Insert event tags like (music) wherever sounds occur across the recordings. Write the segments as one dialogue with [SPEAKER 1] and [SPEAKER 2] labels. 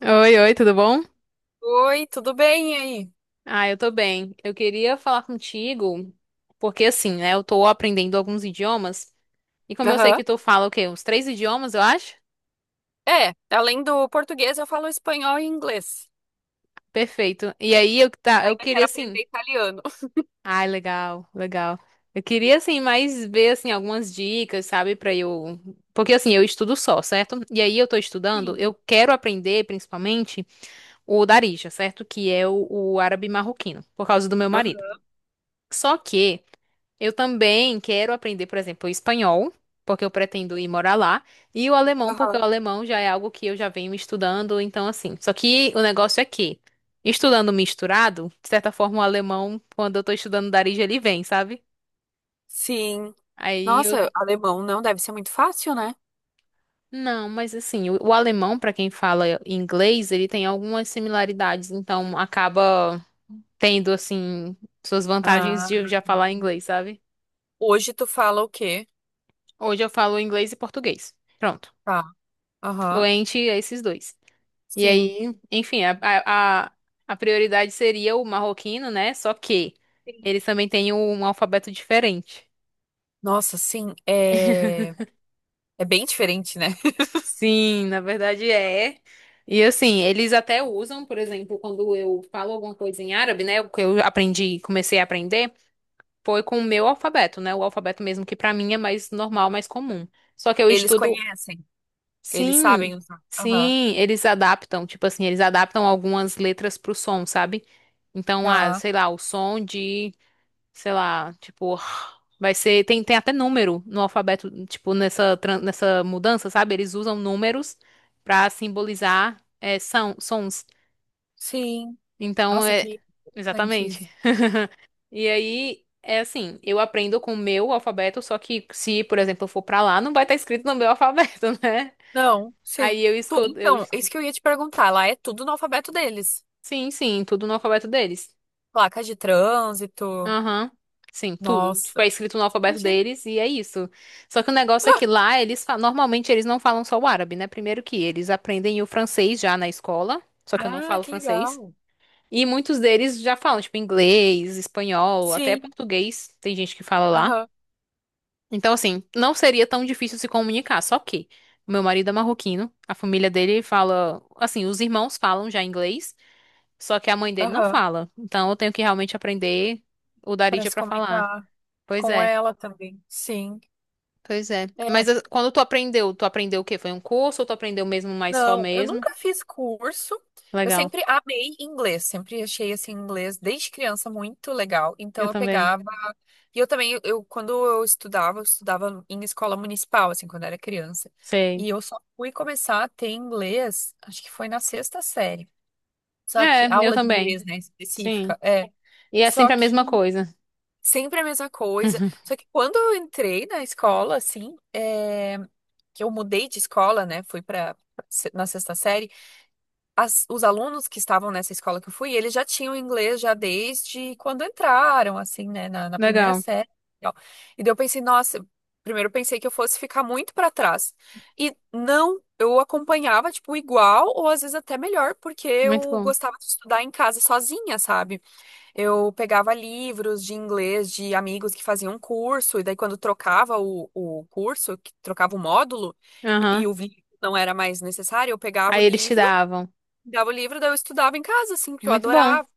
[SPEAKER 1] Oi, oi, tudo bom?
[SPEAKER 2] Oi, tudo bem e aí?
[SPEAKER 1] Ah, eu tô bem. Eu queria falar contigo, porque assim, né, eu tô aprendendo alguns idiomas, e como eu sei
[SPEAKER 2] Aham.
[SPEAKER 1] que tu fala o quê? Uns três idiomas, eu acho?
[SPEAKER 2] É, além do português, eu falo espanhol e inglês.
[SPEAKER 1] Perfeito. E aí
[SPEAKER 2] Mas
[SPEAKER 1] eu
[SPEAKER 2] ainda
[SPEAKER 1] queria
[SPEAKER 2] quero
[SPEAKER 1] assim.
[SPEAKER 2] aprender italiano. (laughs)
[SPEAKER 1] Ai, legal, legal. Eu queria assim mais ver assim algumas dicas, sabe, pra eu, porque assim, eu estudo só, certo? E aí eu tô estudando,
[SPEAKER 2] Sim.
[SPEAKER 1] eu quero aprender principalmente o Darija, certo? Que é o árabe marroquino, por causa do meu marido.
[SPEAKER 2] Aham.
[SPEAKER 1] Só que eu também quero aprender, por exemplo, o espanhol, porque eu pretendo ir morar lá, e o alemão, porque o
[SPEAKER 2] Aham.
[SPEAKER 1] alemão já é algo que eu já venho estudando, então assim. Só que o negócio é que, estudando misturado, de certa forma o alemão, quando eu tô estudando Darija, ele vem, sabe?
[SPEAKER 2] Sim.
[SPEAKER 1] Aí eu.
[SPEAKER 2] Nossa, alemão não deve ser muito fácil, né?
[SPEAKER 1] Não, mas assim, o alemão, pra quem fala inglês, ele tem algumas similaridades, então acaba tendo, assim, suas vantagens de eu
[SPEAKER 2] Ah.
[SPEAKER 1] já falar inglês, sabe?
[SPEAKER 2] Hoje tu fala o quê?
[SPEAKER 1] Hoje eu falo inglês e português. Pronto.
[SPEAKER 2] Tá. Aham.
[SPEAKER 1] Fluente a esses dois. E
[SPEAKER 2] Sim.
[SPEAKER 1] aí, enfim, a prioridade seria o marroquino, né? Só que
[SPEAKER 2] Sim.
[SPEAKER 1] eles também têm um alfabeto diferente.
[SPEAKER 2] Nossa, sim. É bem diferente, né? (laughs)
[SPEAKER 1] Sim, na verdade é. E assim, eles até usam, por exemplo, quando eu falo alguma coisa em árabe, né? O que eu aprendi, comecei a aprender, foi com o meu alfabeto, né? O alfabeto mesmo que pra mim é mais normal, mais comum. Só que eu
[SPEAKER 2] Eles
[SPEAKER 1] estudo.
[SPEAKER 2] conhecem. Eles
[SPEAKER 1] Sim,
[SPEAKER 2] sabem usar. Aham.
[SPEAKER 1] sim, eles adaptam. Tipo assim, eles adaptam algumas letras pro som, sabe? Então, ah,
[SPEAKER 2] Tá.
[SPEAKER 1] sei lá, o som de. Sei lá, tipo, vai ser, tem, tem até número no alfabeto, tipo, nessa, nessa mudança, sabe? Eles usam números pra simbolizar é, são, sons.
[SPEAKER 2] Sim.
[SPEAKER 1] Então,
[SPEAKER 2] Nossa,
[SPEAKER 1] é,
[SPEAKER 2] que importante.
[SPEAKER 1] exatamente. E aí, é assim, eu aprendo com o meu alfabeto, só que se, por exemplo, eu for pra lá, não vai estar escrito no meu (laughs) alfabeto, né?
[SPEAKER 2] Não, sim.
[SPEAKER 1] Aí eu
[SPEAKER 2] Tu-
[SPEAKER 1] escuto, eu
[SPEAKER 2] então,
[SPEAKER 1] estudo.
[SPEAKER 2] isso que eu ia te perguntar. Lá é tudo no alfabeto deles.
[SPEAKER 1] Sim, sim, tudo no alfabeto deles.
[SPEAKER 2] Placa de trânsito.
[SPEAKER 1] Aham. Sim, tudo. Tipo, é
[SPEAKER 2] Nossa.
[SPEAKER 1] escrito no alfabeto
[SPEAKER 2] Imagina.
[SPEAKER 1] deles e é isso. Só que o negócio é que lá eles normalmente eles não falam só o árabe, né? Primeiro que eles aprendem o francês já na escola, só que eu não
[SPEAKER 2] Ah,
[SPEAKER 1] falo
[SPEAKER 2] que
[SPEAKER 1] francês.
[SPEAKER 2] legal.
[SPEAKER 1] E muitos deles já falam, tipo, inglês, espanhol, até
[SPEAKER 2] Sim.
[SPEAKER 1] português, tem gente que fala lá.
[SPEAKER 2] Aham.
[SPEAKER 1] Então, assim, não seria tão difícil se comunicar, só que o meu marido é marroquino, a família dele fala, assim, os irmãos falam já inglês, só que a mãe dele não
[SPEAKER 2] Aham.
[SPEAKER 1] fala. Então, eu tenho que realmente aprender o
[SPEAKER 2] Para
[SPEAKER 1] Darija
[SPEAKER 2] se
[SPEAKER 1] pra falar.
[SPEAKER 2] comunicar
[SPEAKER 1] Pois
[SPEAKER 2] com
[SPEAKER 1] é,
[SPEAKER 2] ela também. Sim.
[SPEAKER 1] pois é.
[SPEAKER 2] É.
[SPEAKER 1] Mas quando tu aprendeu o quê? Foi um curso ou tu aprendeu mesmo mais só
[SPEAKER 2] Não, eu
[SPEAKER 1] mesmo?
[SPEAKER 2] nunca fiz curso. Eu
[SPEAKER 1] Legal.
[SPEAKER 2] sempre amei inglês, sempre achei assim inglês desde criança muito legal.
[SPEAKER 1] Eu
[SPEAKER 2] Então eu
[SPEAKER 1] também.
[SPEAKER 2] pegava, e eu também, eu, quando eu estudava em escola municipal assim quando era criança.
[SPEAKER 1] Sei.
[SPEAKER 2] E eu só fui começar a ter inglês, acho que foi na sexta série. Só
[SPEAKER 1] É,
[SPEAKER 2] que
[SPEAKER 1] eu
[SPEAKER 2] aula de
[SPEAKER 1] também.
[SPEAKER 2] inglês, né, específica,
[SPEAKER 1] Sim.
[SPEAKER 2] é.
[SPEAKER 1] E é
[SPEAKER 2] Só
[SPEAKER 1] sempre a mesma
[SPEAKER 2] que
[SPEAKER 1] coisa.
[SPEAKER 2] sempre a mesma coisa.
[SPEAKER 1] (laughs)
[SPEAKER 2] Só que quando eu entrei na escola, assim, é, que eu mudei de escola, né, fui para na sexta série, os alunos que estavam nessa escola que eu fui, eles já tinham inglês já desde quando entraram, assim, né, na primeira
[SPEAKER 1] Legal.
[SPEAKER 2] série. E tal. E daí eu pensei, nossa, primeiro eu pensei que eu fosse ficar muito para trás. E não, eu acompanhava, tipo, igual ou às vezes até melhor, porque
[SPEAKER 1] Muito
[SPEAKER 2] eu
[SPEAKER 1] bom.
[SPEAKER 2] gostava de estudar em casa sozinha, sabe? Eu pegava livros de inglês de amigos que faziam curso, e daí quando trocava o curso, que trocava o módulo,
[SPEAKER 1] Aham.
[SPEAKER 2] e o vídeo não era mais necessário, eu pegava o
[SPEAKER 1] Aí eles te
[SPEAKER 2] livro.
[SPEAKER 1] davam.
[SPEAKER 2] Dava o livro, daí eu estudava em casa, assim, porque eu
[SPEAKER 1] Muito bom.
[SPEAKER 2] adorava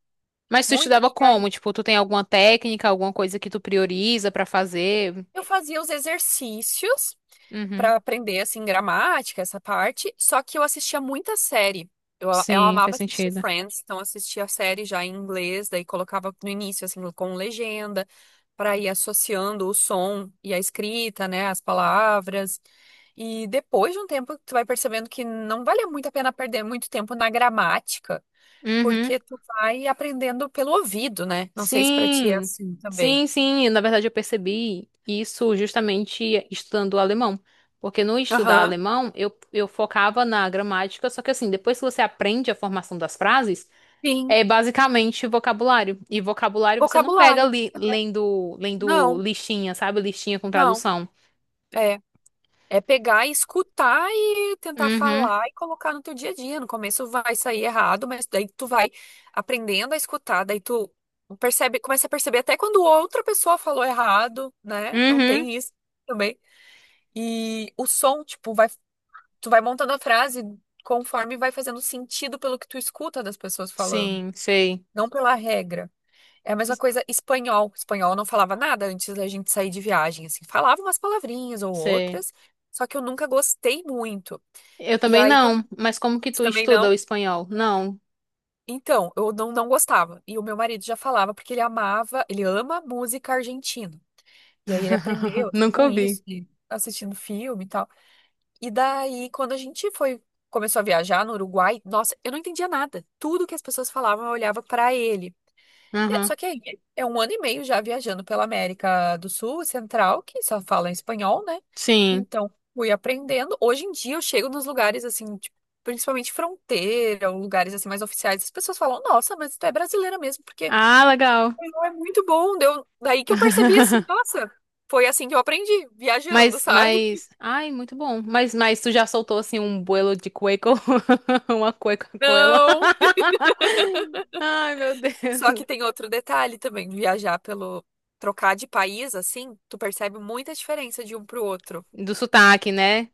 [SPEAKER 1] Mas tu
[SPEAKER 2] muito.
[SPEAKER 1] estudava
[SPEAKER 2] E aí
[SPEAKER 1] como? Tipo, tu tem alguma técnica, alguma coisa que tu prioriza pra fazer?
[SPEAKER 2] eu fazia os exercícios
[SPEAKER 1] Uhum.
[SPEAKER 2] pra aprender, assim, gramática, essa parte. Só que eu assistia muita série. Eu
[SPEAKER 1] Sim,
[SPEAKER 2] amava
[SPEAKER 1] faz
[SPEAKER 2] assistir
[SPEAKER 1] sentido.
[SPEAKER 2] Friends, então assistia a série já em inglês, daí colocava no início, assim, com legenda, pra ir associando o som e a escrita, né, as palavras. E depois de um tempo, tu vai percebendo que não vale muito a pena perder muito tempo na gramática.
[SPEAKER 1] Uhum.
[SPEAKER 2] Porque tu vai aprendendo pelo ouvido, né? Não sei se pra ti é
[SPEAKER 1] Sim,
[SPEAKER 2] assim também.
[SPEAKER 1] sim, sim. Na verdade, eu percebi isso justamente estudando o alemão. Porque no estudar
[SPEAKER 2] Aham.
[SPEAKER 1] alemão, eu focava na gramática, só que assim, depois que você aprende a formação das frases,
[SPEAKER 2] Sim.
[SPEAKER 1] é basicamente vocabulário. E vocabulário você não pega
[SPEAKER 2] Vocabulário.
[SPEAKER 1] ali
[SPEAKER 2] É.
[SPEAKER 1] lendo, lendo
[SPEAKER 2] Não,
[SPEAKER 1] listinha, sabe? Listinha com
[SPEAKER 2] não.
[SPEAKER 1] tradução.
[SPEAKER 2] É. É pegar e escutar e tentar
[SPEAKER 1] Uhum,
[SPEAKER 2] falar e colocar no teu dia a dia. No começo vai sair errado, mas daí tu vai aprendendo a escutar, daí tu percebe, começa a perceber até quando outra pessoa falou errado, né? Não
[SPEAKER 1] uhum.
[SPEAKER 2] tem isso também. E o som, tipo, vai, tu vai montando a frase conforme vai fazendo sentido pelo que tu escuta das pessoas falando.
[SPEAKER 1] Sim, sei,
[SPEAKER 2] Não pela regra. É a mesma coisa espanhol. Espanhol eu não falava nada antes da gente sair de viagem, assim, falava umas palavrinhas ou
[SPEAKER 1] sei.
[SPEAKER 2] outras, só que eu nunca gostei muito.
[SPEAKER 1] Eu
[SPEAKER 2] E
[SPEAKER 1] também
[SPEAKER 2] aí quando
[SPEAKER 1] não, mas como que tu
[SPEAKER 2] também
[SPEAKER 1] estuda
[SPEAKER 2] não,
[SPEAKER 1] o espanhol? Não,
[SPEAKER 2] então, eu não gostava. E o meu marido já falava porque ele amava, ele ama música argentina. E aí ele aprendeu
[SPEAKER 1] (laughs)
[SPEAKER 2] assim
[SPEAKER 1] nunca
[SPEAKER 2] com isso,
[SPEAKER 1] ouvi.
[SPEAKER 2] e assistindo filme e tal. E daí quando a gente foi começou a viajar no Uruguai, nossa, eu não entendia nada. Tudo que as pessoas falavam, eu olhava pra ele. É,
[SPEAKER 1] Uhum,
[SPEAKER 2] só que aí é um ano e meio já viajando pela América do Sul e Central, que só fala espanhol, né?
[SPEAKER 1] sim.
[SPEAKER 2] Então, fui aprendendo. Hoje em dia eu chego nos lugares assim, tipo, principalmente fronteira, ou lugares assim mais oficiais, as pessoas falam: "Nossa, mas tu é brasileira mesmo, porque
[SPEAKER 1] Ah, legal.
[SPEAKER 2] o espanhol é muito bom". Deu daí que eu percebi assim,
[SPEAKER 1] (laughs)
[SPEAKER 2] nossa, foi assim que eu aprendi, viajando, sabe?
[SPEAKER 1] Ai, muito bom. Mas tu já soltou assim um buelo de cueco, (laughs) uma cueca com ela.
[SPEAKER 2] Não.
[SPEAKER 1] (laughs) Ai, meu Deus.
[SPEAKER 2] Só que tem outro detalhe também, viajar pelo trocar de país assim, tu percebe muita diferença de um pro outro.
[SPEAKER 1] Do sotaque, né?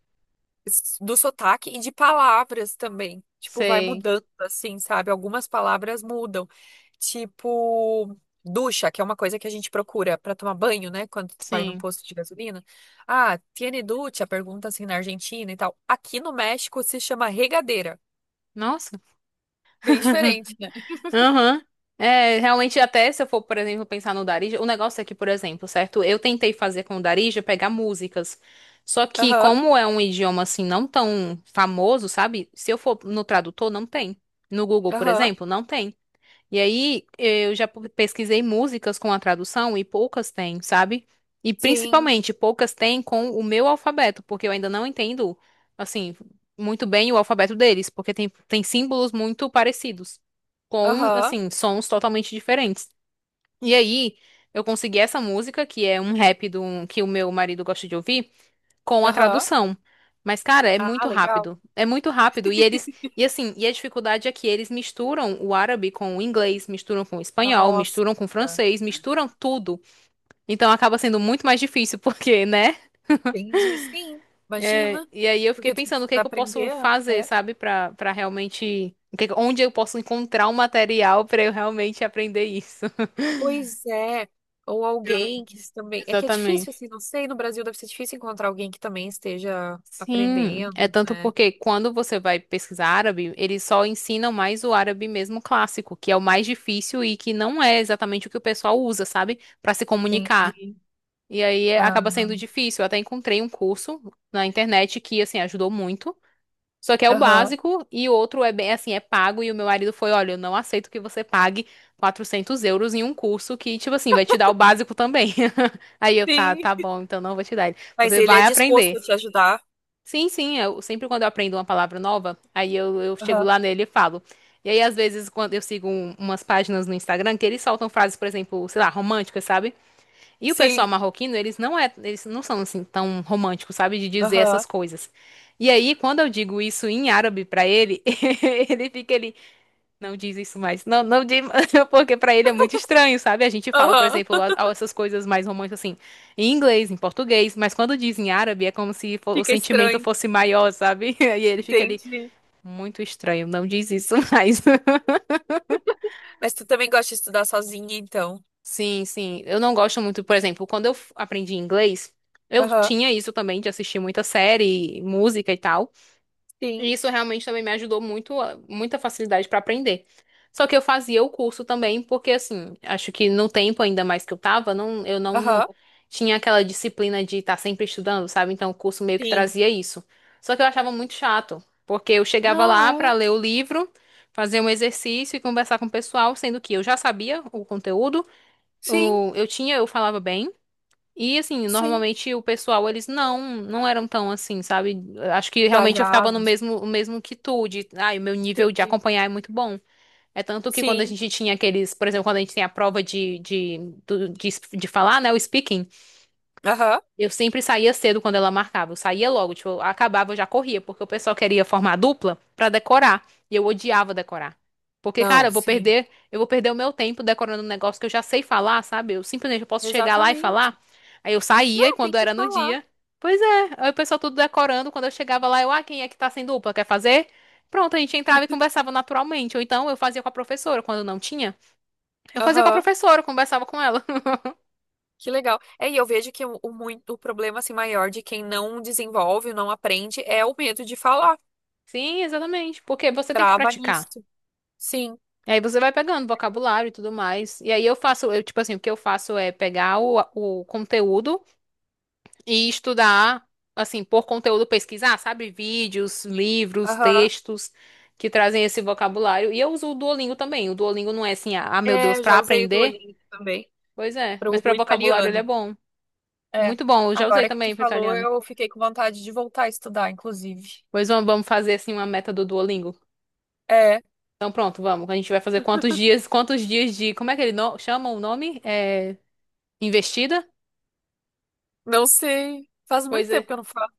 [SPEAKER 2] Do sotaque e de palavras também. Tipo, vai
[SPEAKER 1] Sei.
[SPEAKER 2] mudando, assim, sabe? Algumas palavras mudam. Tipo, ducha, que é uma coisa que a gente procura pra tomar banho, né? Quando tu vai num
[SPEAKER 1] Sim.
[SPEAKER 2] posto de gasolina. Ah, tiene ducha? Pergunta assim na Argentina e tal. Aqui no México se chama regadeira.
[SPEAKER 1] Nossa.
[SPEAKER 2] Bem
[SPEAKER 1] (laughs)
[SPEAKER 2] diferente, né?
[SPEAKER 1] Aham. É, realmente, até se eu for, por exemplo, pensar no Darija, o negócio é que, por exemplo, certo? Eu tentei fazer com o Darija pegar músicas. Só que,
[SPEAKER 2] Aham,
[SPEAKER 1] como é um idioma assim não tão famoso, sabe? Se eu for no tradutor, não tem. No Google, por
[SPEAKER 2] aham,
[SPEAKER 1] exemplo, não tem. E aí, eu já pesquisei músicas com a tradução e poucas têm, sabe? E
[SPEAKER 2] sim,
[SPEAKER 1] principalmente, poucas têm com o meu alfabeto, porque eu ainda não entendo, assim, muito bem o alfabeto deles, porque tem símbolos muito parecidos, com,
[SPEAKER 2] aham,
[SPEAKER 1] assim, sons totalmente diferentes. E aí, eu consegui essa música, que é um rap que o meu marido gosta de ouvir com a
[SPEAKER 2] aham.
[SPEAKER 1] tradução. Mas, cara, é
[SPEAKER 2] Ah,
[SPEAKER 1] muito
[SPEAKER 2] legal.
[SPEAKER 1] rápido. É muito rápido. E eles. E assim, e a dificuldade é que eles misturam o árabe com o inglês, misturam com o espanhol,
[SPEAKER 2] Nossa,
[SPEAKER 1] misturam com o francês, misturam tudo. Então acaba sendo muito mais difícil, (laughs) porque, né?
[SPEAKER 2] entendi, sim.
[SPEAKER 1] É,
[SPEAKER 2] Imagina,
[SPEAKER 1] e aí eu fiquei
[SPEAKER 2] porque tu
[SPEAKER 1] pensando o que é
[SPEAKER 2] precisa
[SPEAKER 1] que eu posso
[SPEAKER 2] aprender.
[SPEAKER 1] fazer,
[SPEAKER 2] É.
[SPEAKER 1] sabe, pra realmente. O que onde eu posso encontrar um material pra eu realmente aprender isso. (laughs)
[SPEAKER 2] Pois é, ou alguém que também. É que é difícil,
[SPEAKER 1] Exatamente.
[SPEAKER 2] assim, não sei, no Brasil deve ser difícil encontrar alguém que também esteja
[SPEAKER 1] Sim,
[SPEAKER 2] aprendendo,
[SPEAKER 1] é tanto
[SPEAKER 2] né?
[SPEAKER 1] porque quando você vai pesquisar árabe, eles só ensinam mais o árabe mesmo clássico, que é o mais difícil e que não é exatamente o que o pessoal usa, sabe? Pra se comunicar.
[SPEAKER 2] Entendi.
[SPEAKER 1] E aí
[SPEAKER 2] Ah,
[SPEAKER 1] acaba sendo difícil. Eu até encontrei um curso na internet que, assim, ajudou muito. Só que é o
[SPEAKER 2] aham.
[SPEAKER 1] básico e o outro é bem, assim, é pago. E o meu marido foi: olha, eu não aceito que você pague €400 em um curso que, tipo assim, vai te dar o básico também. (laughs) Aí eu, tá,
[SPEAKER 2] Sim.
[SPEAKER 1] tá bom, então não vou te dar.
[SPEAKER 2] Mas
[SPEAKER 1] Você
[SPEAKER 2] ele é
[SPEAKER 1] vai
[SPEAKER 2] disposto a
[SPEAKER 1] aprender.
[SPEAKER 2] te ajudar.
[SPEAKER 1] Sim, sim, eu sempre quando eu aprendo uma palavra nova, aí eu chego
[SPEAKER 2] Aham.
[SPEAKER 1] lá nele e falo. E aí, às vezes, quando eu sigo umas páginas no Instagram que eles soltam frases, por exemplo, sei lá, românticas, sabe? E o pessoal
[SPEAKER 2] Sim.
[SPEAKER 1] marroquino, eles não são assim tão românticos, sabe, de dizer
[SPEAKER 2] Aham.
[SPEAKER 1] essas coisas. E aí, quando eu digo isso em árabe pra ele, (laughs) ele não diz isso mais. Não, não diz, (laughs) porque pra ele é muito estranho, sabe? A gente fala, por
[SPEAKER 2] Aham.
[SPEAKER 1] exemplo,
[SPEAKER 2] (laughs)
[SPEAKER 1] essas coisas mais românticas assim, em inglês, em português, mas quando diz em árabe é como se o
[SPEAKER 2] Fica
[SPEAKER 1] sentimento
[SPEAKER 2] estranho.
[SPEAKER 1] fosse maior, sabe? (laughs) E ele fica ali,
[SPEAKER 2] Entendi.
[SPEAKER 1] muito estranho, não diz isso mais. (laughs)
[SPEAKER 2] Mas tu também gosta de estudar sozinha, então?
[SPEAKER 1] Sim, sim. Eu não gosto muito, por exemplo, quando eu aprendi inglês, eu
[SPEAKER 2] Aham.
[SPEAKER 1] tinha isso também de assistir muita série, música e tal.
[SPEAKER 2] Sim.
[SPEAKER 1] E isso realmente também me ajudou muito, muita facilidade para aprender. Só que eu fazia o curso também, porque assim, acho que no tempo ainda mais que eu tava, não, eu não
[SPEAKER 2] Aham.
[SPEAKER 1] tinha aquela disciplina de estar sempre estudando, sabe? Então o curso meio que
[SPEAKER 2] Sim.
[SPEAKER 1] trazia isso. Só que eu achava muito chato, porque eu chegava
[SPEAKER 2] Não
[SPEAKER 1] lá para
[SPEAKER 2] é?
[SPEAKER 1] ler o livro, fazer um exercício e conversar com o pessoal, sendo que eu já sabia o conteúdo,
[SPEAKER 2] Sim,
[SPEAKER 1] eu tinha, eu falava bem. E assim,
[SPEAKER 2] sim.
[SPEAKER 1] normalmente o pessoal, eles não, não eram tão assim, sabe? Acho que realmente eu ficava no
[SPEAKER 2] Engajados.
[SPEAKER 1] mesmo, o mesmo que tu, de, ai, o meu nível de
[SPEAKER 2] Entendi.
[SPEAKER 1] acompanhar é muito bom. É tanto que quando a
[SPEAKER 2] Sim.
[SPEAKER 1] gente tinha aqueles, por exemplo, quando a gente tem a prova de falar, né, o speaking,
[SPEAKER 2] Aham.
[SPEAKER 1] eu sempre saía cedo quando ela marcava. Eu saía logo, tipo, eu acabava, eu já corria, porque o pessoal queria formar dupla pra decorar. E eu odiava decorar. Porque, cara,
[SPEAKER 2] Não, sim.
[SPEAKER 1] eu vou perder o meu tempo decorando um negócio que eu já sei falar, sabe? Eu posso chegar lá e
[SPEAKER 2] Exatamente.
[SPEAKER 1] falar. Aí eu saía e
[SPEAKER 2] Não, tem
[SPEAKER 1] quando
[SPEAKER 2] que
[SPEAKER 1] era no
[SPEAKER 2] falar.
[SPEAKER 1] dia, pois é, aí o pessoal tudo decorando, quando eu chegava lá, eu, ah, quem é que tá sem dupla, quer fazer? Pronto, a gente entrava e conversava naturalmente. Ou então eu fazia com a professora, quando não tinha. Eu fazia com a
[SPEAKER 2] Aham,
[SPEAKER 1] professora, conversava com ela.
[SPEAKER 2] que legal. É, e eu vejo que o problema, assim, maior de quem não desenvolve, não aprende, é o medo de falar.
[SPEAKER 1] (laughs) Sim, exatamente. Porque você tem que
[SPEAKER 2] Trava
[SPEAKER 1] praticar.
[SPEAKER 2] nisso. Sim,
[SPEAKER 1] E aí você vai pegando vocabulário e tudo mais. E aí eu faço, eu, tipo assim, o que eu faço é pegar o conteúdo e estudar, assim, por conteúdo pesquisar, sabe? Vídeos, livros,
[SPEAKER 2] aham.
[SPEAKER 1] textos que trazem esse vocabulário. E eu uso o Duolingo também. O Duolingo não é assim, ah, ah, meu
[SPEAKER 2] É,
[SPEAKER 1] Deus,
[SPEAKER 2] eu
[SPEAKER 1] pra
[SPEAKER 2] já usei o
[SPEAKER 1] aprender?
[SPEAKER 2] Duolingo também,
[SPEAKER 1] Pois é,
[SPEAKER 2] para
[SPEAKER 1] mas pra
[SPEAKER 2] o
[SPEAKER 1] vocabulário ele é
[SPEAKER 2] italiano.
[SPEAKER 1] bom.
[SPEAKER 2] É.
[SPEAKER 1] Muito bom, eu já usei
[SPEAKER 2] Agora que tu
[SPEAKER 1] também pro
[SPEAKER 2] falou,
[SPEAKER 1] italiano.
[SPEAKER 2] eu fiquei com vontade de voltar a estudar, inclusive.
[SPEAKER 1] Pois vamos, vamos fazer assim uma meta do Duolingo.
[SPEAKER 2] É,
[SPEAKER 1] Então pronto, vamos. A gente vai fazer quantos dias de, como é que ele chama o nome? É, investida?
[SPEAKER 2] não sei. Faz muito
[SPEAKER 1] Pois
[SPEAKER 2] tempo
[SPEAKER 1] é.
[SPEAKER 2] que eu não falo.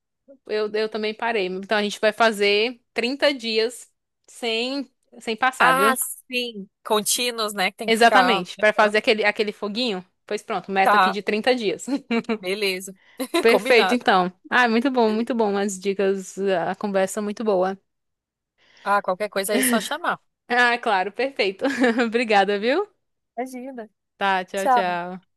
[SPEAKER 1] Eu também parei. Então a gente vai fazer 30 dias sem, sem passar,
[SPEAKER 2] Ah,
[SPEAKER 1] viu?
[SPEAKER 2] sim. Contínuos, né? Que tem que ficar.
[SPEAKER 1] Exatamente, para fazer aquele foguinho. Pois pronto, meta aqui
[SPEAKER 2] Tá,
[SPEAKER 1] de 30 dias.
[SPEAKER 2] beleza.
[SPEAKER 1] (laughs)
[SPEAKER 2] (laughs)
[SPEAKER 1] Perfeito,
[SPEAKER 2] Combinado.
[SPEAKER 1] então. Ah, muito bom as dicas, a conversa muito boa.
[SPEAKER 2] Ah, qualquer coisa aí é só chamar.
[SPEAKER 1] Ah, claro, perfeito. (laughs) Obrigada, viu?
[SPEAKER 2] Imagina.
[SPEAKER 1] Tá, tchau,
[SPEAKER 2] Tchau.
[SPEAKER 1] tchau.